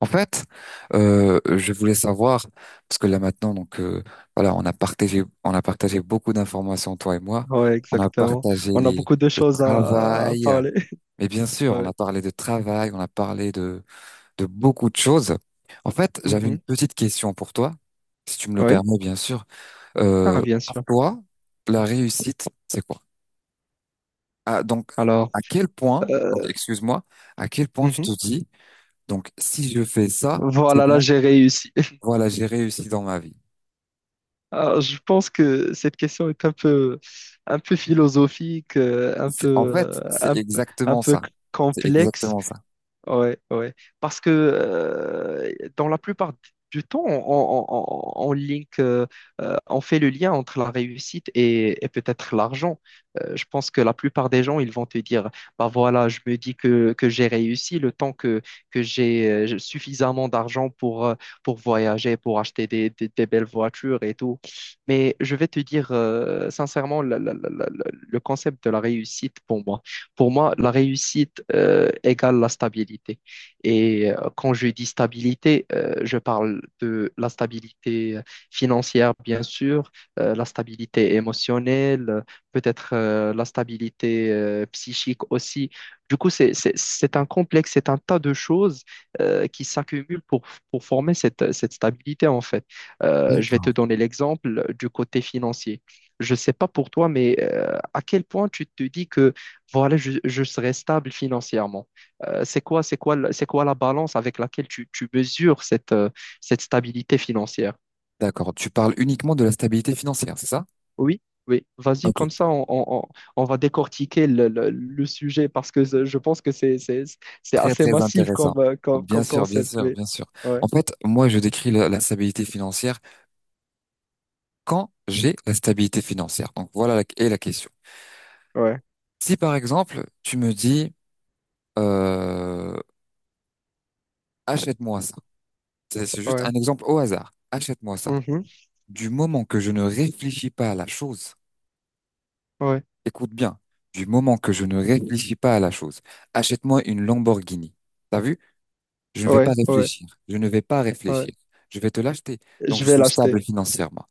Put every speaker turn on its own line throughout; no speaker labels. En fait, je voulais savoir parce que là maintenant, donc voilà, on a partagé beaucoup d'informations toi et moi.
Ouais,
On a
exactement.
partagé
On a beaucoup de
le
choses à
travail,
parler.
mais bien sûr, on
Ouais.
a parlé de travail, on a parlé de beaucoup de choses. En fait, j'avais une
Mhm.
petite question pour toi, si tu me le
Ouais.
permets, bien sûr.
Ah, bien
Pour
sûr.
toi, la réussite, c'est quoi? Ah, donc,
Alors,
à quel point, donc
euh,
excuse-moi, à quel point tu te
mhm.
dis, donc si je fais ça, c'est
Voilà, là,
bon.
j'ai réussi.
Voilà, j'ai réussi dans ma vie.
Alors, je pense que cette question est un peu philosophique, un peu,
En fait, c'est
un
exactement
peu
ça. C'est
complexe.
exactement ça.
Ouais, ouais. Parce que dans la plupart du temps, on fait le lien entre la réussite et peut-être l'argent. Je pense que la plupart des gens, ils vont te dire, bah voilà, je me dis que j'ai réussi le temps que j'ai suffisamment d'argent pour voyager, pour acheter des belles voitures et tout. Mais je vais te dire sincèrement, le concept de la réussite pour moi. Pour moi, la réussite égale la stabilité. Et quand je dis stabilité, je parle de la stabilité financière, bien sûr, la stabilité émotionnelle, peut-être la stabilité psychique aussi. Du coup, c'est un complexe, c'est un tas de choses qui s'accumulent pour former cette stabilité, en fait. Je vais te
D'accord.
donner l'exemple du côté financier. Je ne sais pas pour toi, mais à quel point tu te dis que voilà, je serai stable financièrement. C'est quoi la balance avec laquelle tu mesures cette stabilité financière?
D'accord. Tu parles uniquement de la stabilité financière, c'est ça?
Oui, oui. Vas-y,
Ok.
comme ça, on va décortiquer le sujet parce que je pense que c'est
Très,
assez
très
massif
intéressant.
comme, euh, comme,
Bien
comme
sûr, bien
concept.
sûr,
Oui.
bien sûr.
Ouais,
En fait, moi, je décris la stabilité financière quand j'ai la stabilité financière. Donc, voilà est la question.
ouais,
Si, par exemple, tu me dis, euh, achète-moi ça. C'est juste un
ouais.
exemple au hasard. Achète-moi ça.
Mhm.
Du moment que je ne réfléchis pas à la chose,
Ouais,
écoute bien, du moment que je ne réfléchis pas à la chose, achète-moi une Lamborghini. T'as vu? Je ne vais pas
ouais, ouais,
réfléchir. Je ne vais pas
ouais.
réfléchir. Je vais te l'acheter. Donc,
Je
je
vais
suis
l'acheter.
stable financièrement.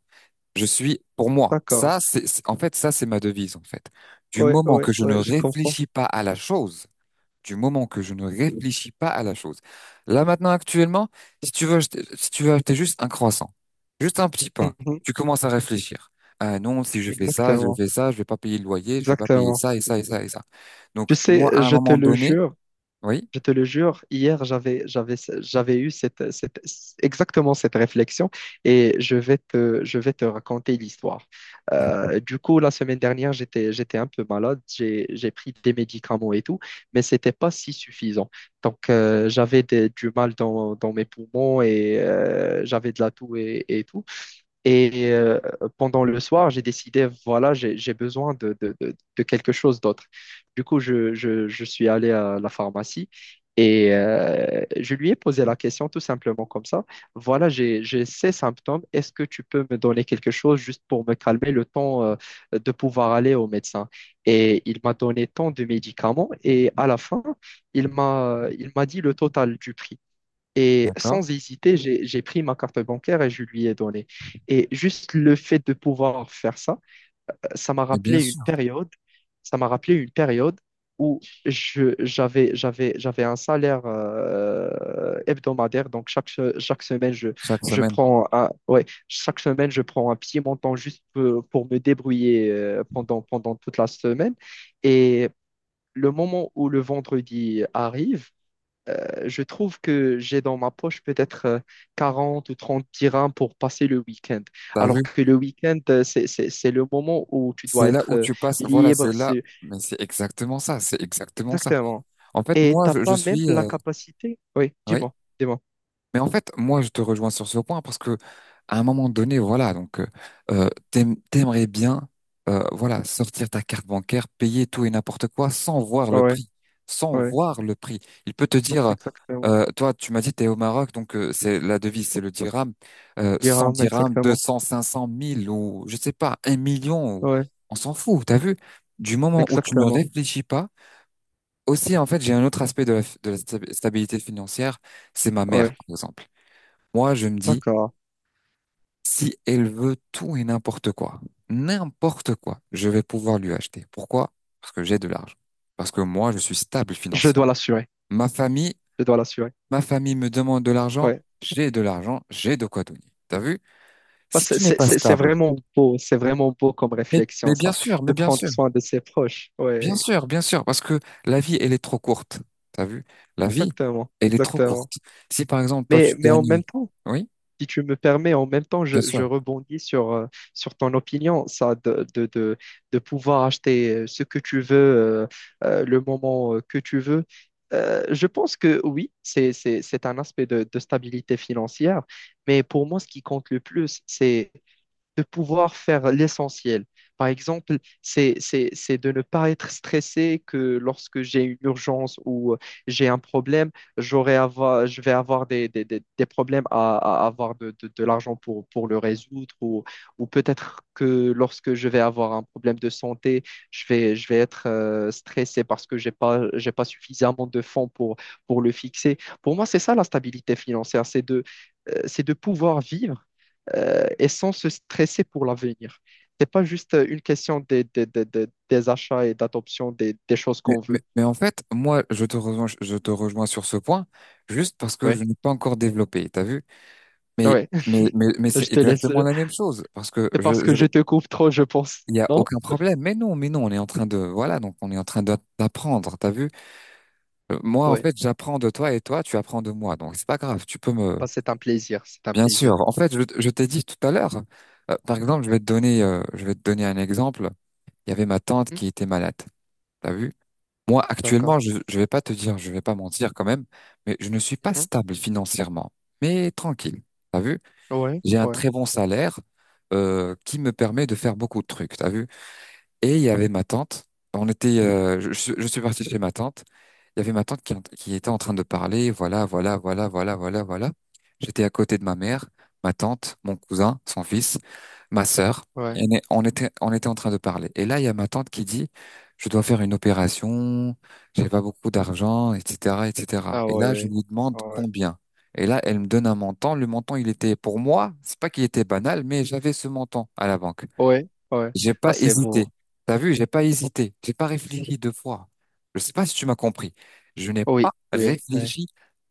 Je suis, pour moi,
D'accord.
ça, en fait, ça, c'est ma devise, en fait. Du
Ouais,
moment
ouais,
que je ne
ouais, je comprends.
réfléchis pas à la chose, du moment que je ne réfléchis pas à la chose. Là maintenant, actuellement, si tu veux acheter juste un croissant, juste un petit pain,
Mhm.
tu commences à réfléchir. Ah non, si je fais ça, je
Exactement,
fais ça, je vais pas payer le loyer, je vais pas payer
exactement.
ça et ça et ça et ça. Donc
Tu
moi, à
sais,
un
je te
moment
le
donné,
jure.
oui,
Je te le jure, hier, j'avais eu exactement cette réflexion et je vais te raconter l'histoire. Du coup, la semaine dernière, j'étais un peu malade, j'ai pris des médicaments et tout, mais c'était pas si suffisant. Donc, j'avais du mal dans mes poumons et j'avais de la toux et tout. Et pendant le soir, j'ai décidé, voilà, j'ai besoin de quelque chose d'autre. Du coup, je suis allé à la pharmacie et je lui ai posé la question tout simplement comme ça. Voilà, j'ai ces symptômes. Est-ce que tu peux me donner quelque chose juste pour me calmer le temps de pouvoir aller au médecin? Et il m'a donné tant de médicaments et à la fin, il m'a dit le total du prix. Et
d'accord,
sans hésiter, j'ai pris ma carte bancaire et je lui ai donné. Et juste le fait de pouvoir faire ça, ça m'a
et bien
rappelé une
sûr,
période, ça m'a rappelé une période où j'avais un salaire hebdomadaire. Donc chaque semaine,
chaque semaine,
ouais, chaque semaine, je prends un petit montant juste pour me débrouiller pendant toute la semaine. Et le moment où le vendredi arrive, je trouve que j'ai dans ma poche peut-être 40 ou 30 dirhams pour passer le week-end.
t'as
Alors
vu,
que le week-end, c'est le moment où tu dois
c'est là
être
où tu passes. Voilà,
libre.
c'est là, mais c'est exactement ça, c'est exactement ça.
Exactement.
En fait,
Et
moi,
t'as
je
pas même
suis,
la capacité. Oui,
oui.
dis-moi, dis-moi.
Mais en fait, moi, je te rejoins sur ce point parce que à un moment donné, voilà, donc t'aimerais bien, voilà, sortir ta carte bancaire, payer tout et n'importe quoi sans voir
Ouais,
le
ouais,
prix, sans
ouais,
voir le prix. Il peut te dire,
exactement.
toi, tu m'as dit t'es au Maroc, donc c'est la devise, c'est le dirham, 100
Dirhams,
dirhams, deux
exactement.
cents, 500, 1000 ou je sais pas, 1 million,
Ouais,
on s'en fout. T'as vu? Du moment où tu ne
exactement.
réfléchis pas, aussi, en fait, j'ai un autre aspect de la stabilité financière, c'est ma mère,
Ouais,
par exemple. Moi, je me dis,
d'accord.
si elle veut tout et n'importe quoi, je vais pouvoir lui acheter. Pourquoi? Parce que j'ai de l'argent. Parce que moi, je suis stable
Je
financièrement.
dois l'assurer.
Ma famille,
Je dois l'assurer.
ma famille me demande de l'argent,
Ouais.
j'ai de l'argent, j'ai de quoi donner. T'as vu?
Bah,
Si
C'est
tu n'es
c'est-
pas
c'est- c'est
stable,
vraiment beau. C'est vraiment beau comme
mais,
réflexion,
mais bien
ça,
sûr, mais
de
bien
prendre
sûr,
soin de ses proches.
bien
Ouais.
sûr, bien sûr, parce que la vie, elle est trop courte. T'as vu? La vie,
Exactement,
elle est trop
exactement.
courte. Si par exemple, toi, tu
Mais en
gagnes,
même temps,
oui,
si tu me permets, en même temps,
bien
je
sûr.
rebondis sur ton opinion, ça, de pouvoir acheter ce que tu veux, le moment que tu veux. Je pense que oui, c'est un aspect de stabilité financière, mais pour moi, ce qui compte le plus, c'est de pouvoir faire l'essentiel. Par exemple, c'est de ne pas être stressé que lorsque j'ai une urgence ou j'ai un problème, je vais avoir des problèmes à avoir de l'argent pour le résoudre ou peut-être que lorsque je vais avoir un problème de santé, je vais être stressé parce que j'ai pas suffisamment de fonds pour le fixer. Pour moi, c'est ça la stabilité financière, c'est de pouvoir vivre et sans se stresser pour l'avenir. C'est pas juste une question des achats et d'adoption des choses
Mais,
qu'on
mais,
veut.
mais en fait, moi, je te rejoins sur ce point, juste parce que
Ouais,
je n'ai pas encore développé, t'as vu? Mais,
ouais,
mais, mais, mais
je
c'est
te laisse.
exactement la même chose, parce que
C'est parce que
je
je te coupe trop, je pense.
il y a
Non?
aucun problème. Mais non, on est en train de, voilà, donc on est en train d'apprendre, t'as vu? Moi, en
Ouais,
fait, j'apprends de toi et toi, tu apprends de moi, donc c'est pas grave, tu peux me,
bah, c'est un plaisir, c'est un
bien
plaisir.
sûr. En fait, je t'ai dit tout à l'heure, par exemple, je vais te donner, je vais te donner un exemple. Il y avait ma tante
Hmm,
qui était malade, t'as vu? Moi,
d'accord.
actuellement, je ne vais pas te dire, je vais pas mentir quand même, mais je ne suis pas
Mhm.
stable financièrement, mais tranquille. T'as vu?
Ouais,
J'ai un
ouais,
très bon salaire qui me permet de faire beaucoup de trucs. T'as vu? Et il y avait ma tante. Je suis parti chez ma tante. Il y avait ma tante qui était en train de parler. Voilà, voilà, voilà, voilà, voilà, voilà. J'étais à côté de ma mère, ma tante, mon cousin, son fils, ma sœur. Et
ouais.
on était en train de parler. Et là, il y a ma tante qui dit, je dois faire une opération, j'ai pas beaucoup d'argent, etc., etc. Et cetera.
Ah
Et là, je
ouais,
lui demande
ouais,
combien. Et là, elle me donne un montant. Le montant, il était pour moi, c'est pas qu'il était banal, mais j'avais ce montant à la banque.
ouais, ouais.
J'ai
Bah,
pas
c'est
hésité.
beau.
T'as vu, j'ai pas hésité. J'ai pas réfléchi deux fois. Je sais pas si tu m'as compris. Je n'ai pas
Oui, oui. Ouais.
réfléchi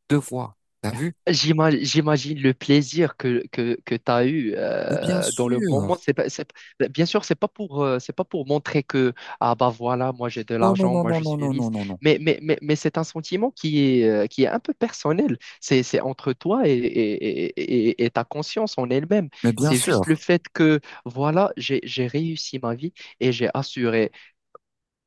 deux fois. T'as vu?
J'ima- J'imagine le plaisir que tu as eu
Mais bien
dans le
sûr.
moment. C'est pas- bien sûr, c'est pas pour montrer que, ah bah voilà, moi j'ai de
Non, non,
l'argent,
non,
moi
non,
je
non,
suis
non,
riche.
non, non, non.
Mais c'est un sentiment qui est un peu personnel. C'est entre toi et ta conscience en elle-même.
Mais bien
C'est juste le
sûr,
fait que, voilà, j'ai réussi ma vie et j'ai assuré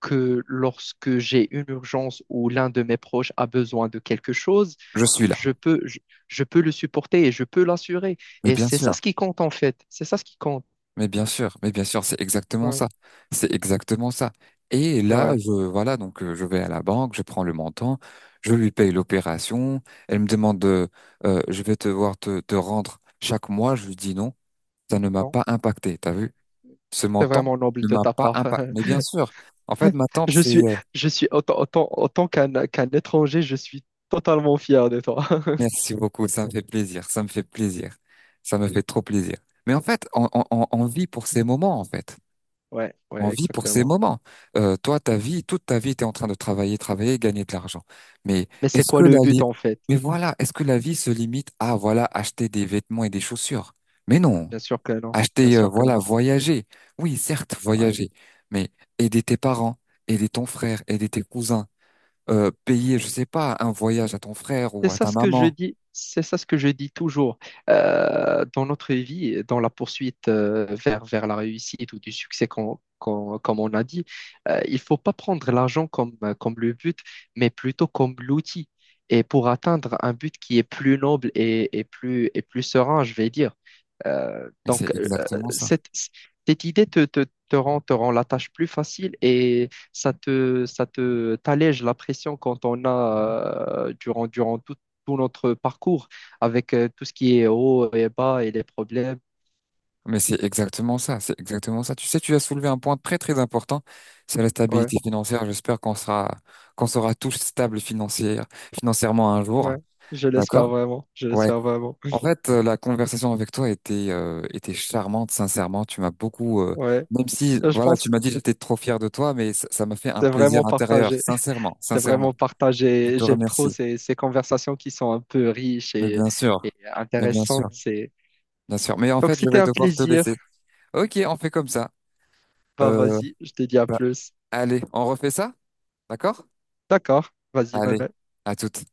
que lorsque j'ai une urgence ou l'un de mes proches a besoin de quelque chose,
je suis là.
je peux, je, je peux le supporter et je peux l'assurer.
Mais
Et
bien
c'est ça
sûr.
ce qui compte en fait. C'est ça ce qui compte.
Mais bien sûr. Mais bien sûr, c'est exactement
Ouais,
ça. C'est exactement ça. Et là,
ouais.
voilà, donc je vais à la banque, je prends le montant, je lui paye l'opération. Elle me demande de, je vais devoir te rendre chaque mois. Je lui dis non, ça ne m'a
Non,
pas impacté. T'as vu? Ce
c'est
montant
vraiment noble
ne
de
m'a
ta
pas
part.
impacté. Mais bien sûr, en fait, ma tante,
Je
c'est.
suis, je suis autant qu'un étranger, je suis totalement fier de toi.
Merci beaucoup, ça me fait plaisir, ça me fait plaisir, ça me fait trop plaisir. Mais en fait, on vit pour ces moments, en fait.
Ouais,
On
ouais,
vit pour ces
exactement.
moments. Toi, ta vie, toute ta vie, tu es en train de travailler, travailler, gagner de l'argent. Mais
Mais c'est
est-ce que
quoi
la
le
vie...
but en fait?
Mais voilà, est-ce que la vie se limite à, voilà, acheter des vêtements et des chaussures? Mais non.
Bien sûr que non. Bien
Acheter,
sûr que
voilà,
non.
voyager. Oui, certes,
Ouais.
voyager. Mais aider tes parents, aider ton frère, aider tes cousins payer, je
Ouais.
sais pas, un voyage à ton frère
C'est
ou à
ça
ta
ce que je
maman.
dis, c'est ça ce que je dis toujours. Dans notre vie, dans la poursuite vers la réussite ou du succès, comme on a dit, il ne faut pas prendre l'argent comme le but, mais plutôt comme l'outil. Et pour atteindre un but qui est plus noble et plus serein, je vais dire.
Mais c'est
Donc,
exactement ça.
cette, cette idée te rend la tâche plus facile et t'allège la pression quand on a, durant tout notre parcours, avec tout ce qui est haut et bas et les problèmes.
Mais c'est exactement ça. C'est exactement ça. Tu sais, tu as soulevé un point très très important, c'est la
Ouais,
stabilité financière. J'espère qu'on sera tous stables financièrement un jour.
ouais, je
D'accord?
l'espère vraiment, je
Ouais.
l'espère vraiment.
En fait, la conversation avec toi était charmante, sincèrement. Tu m'as beaucoup,
Ouais,
même si
je
voilà,
pense
tu
que
m'as dit que j'étais trop fier de toi, mais ça m'a fait un
c'est
plaisir
vraiment
intérieur,
partagé,
sincèrement,
c'est vraiment
sincèrement. Je
partagé.
te
J'aime trop
remercie.
ces conversations qui sont un peu riches
Mais bien
et
sûr, mais bien
intéressantes.
sûr.
C'est...
Bien sûr. Mais en
Donc,
fait, je
c'était
vais
un
devoir te laisser.
plaisir.
Ok, on fait comme ça.
Bah,
Euh,
vas-y, je te dis à
Bah,
plus.
allez, on refait ça? D'accord?
D'accord, vas-y, bye
Allez,
bye.
à toute.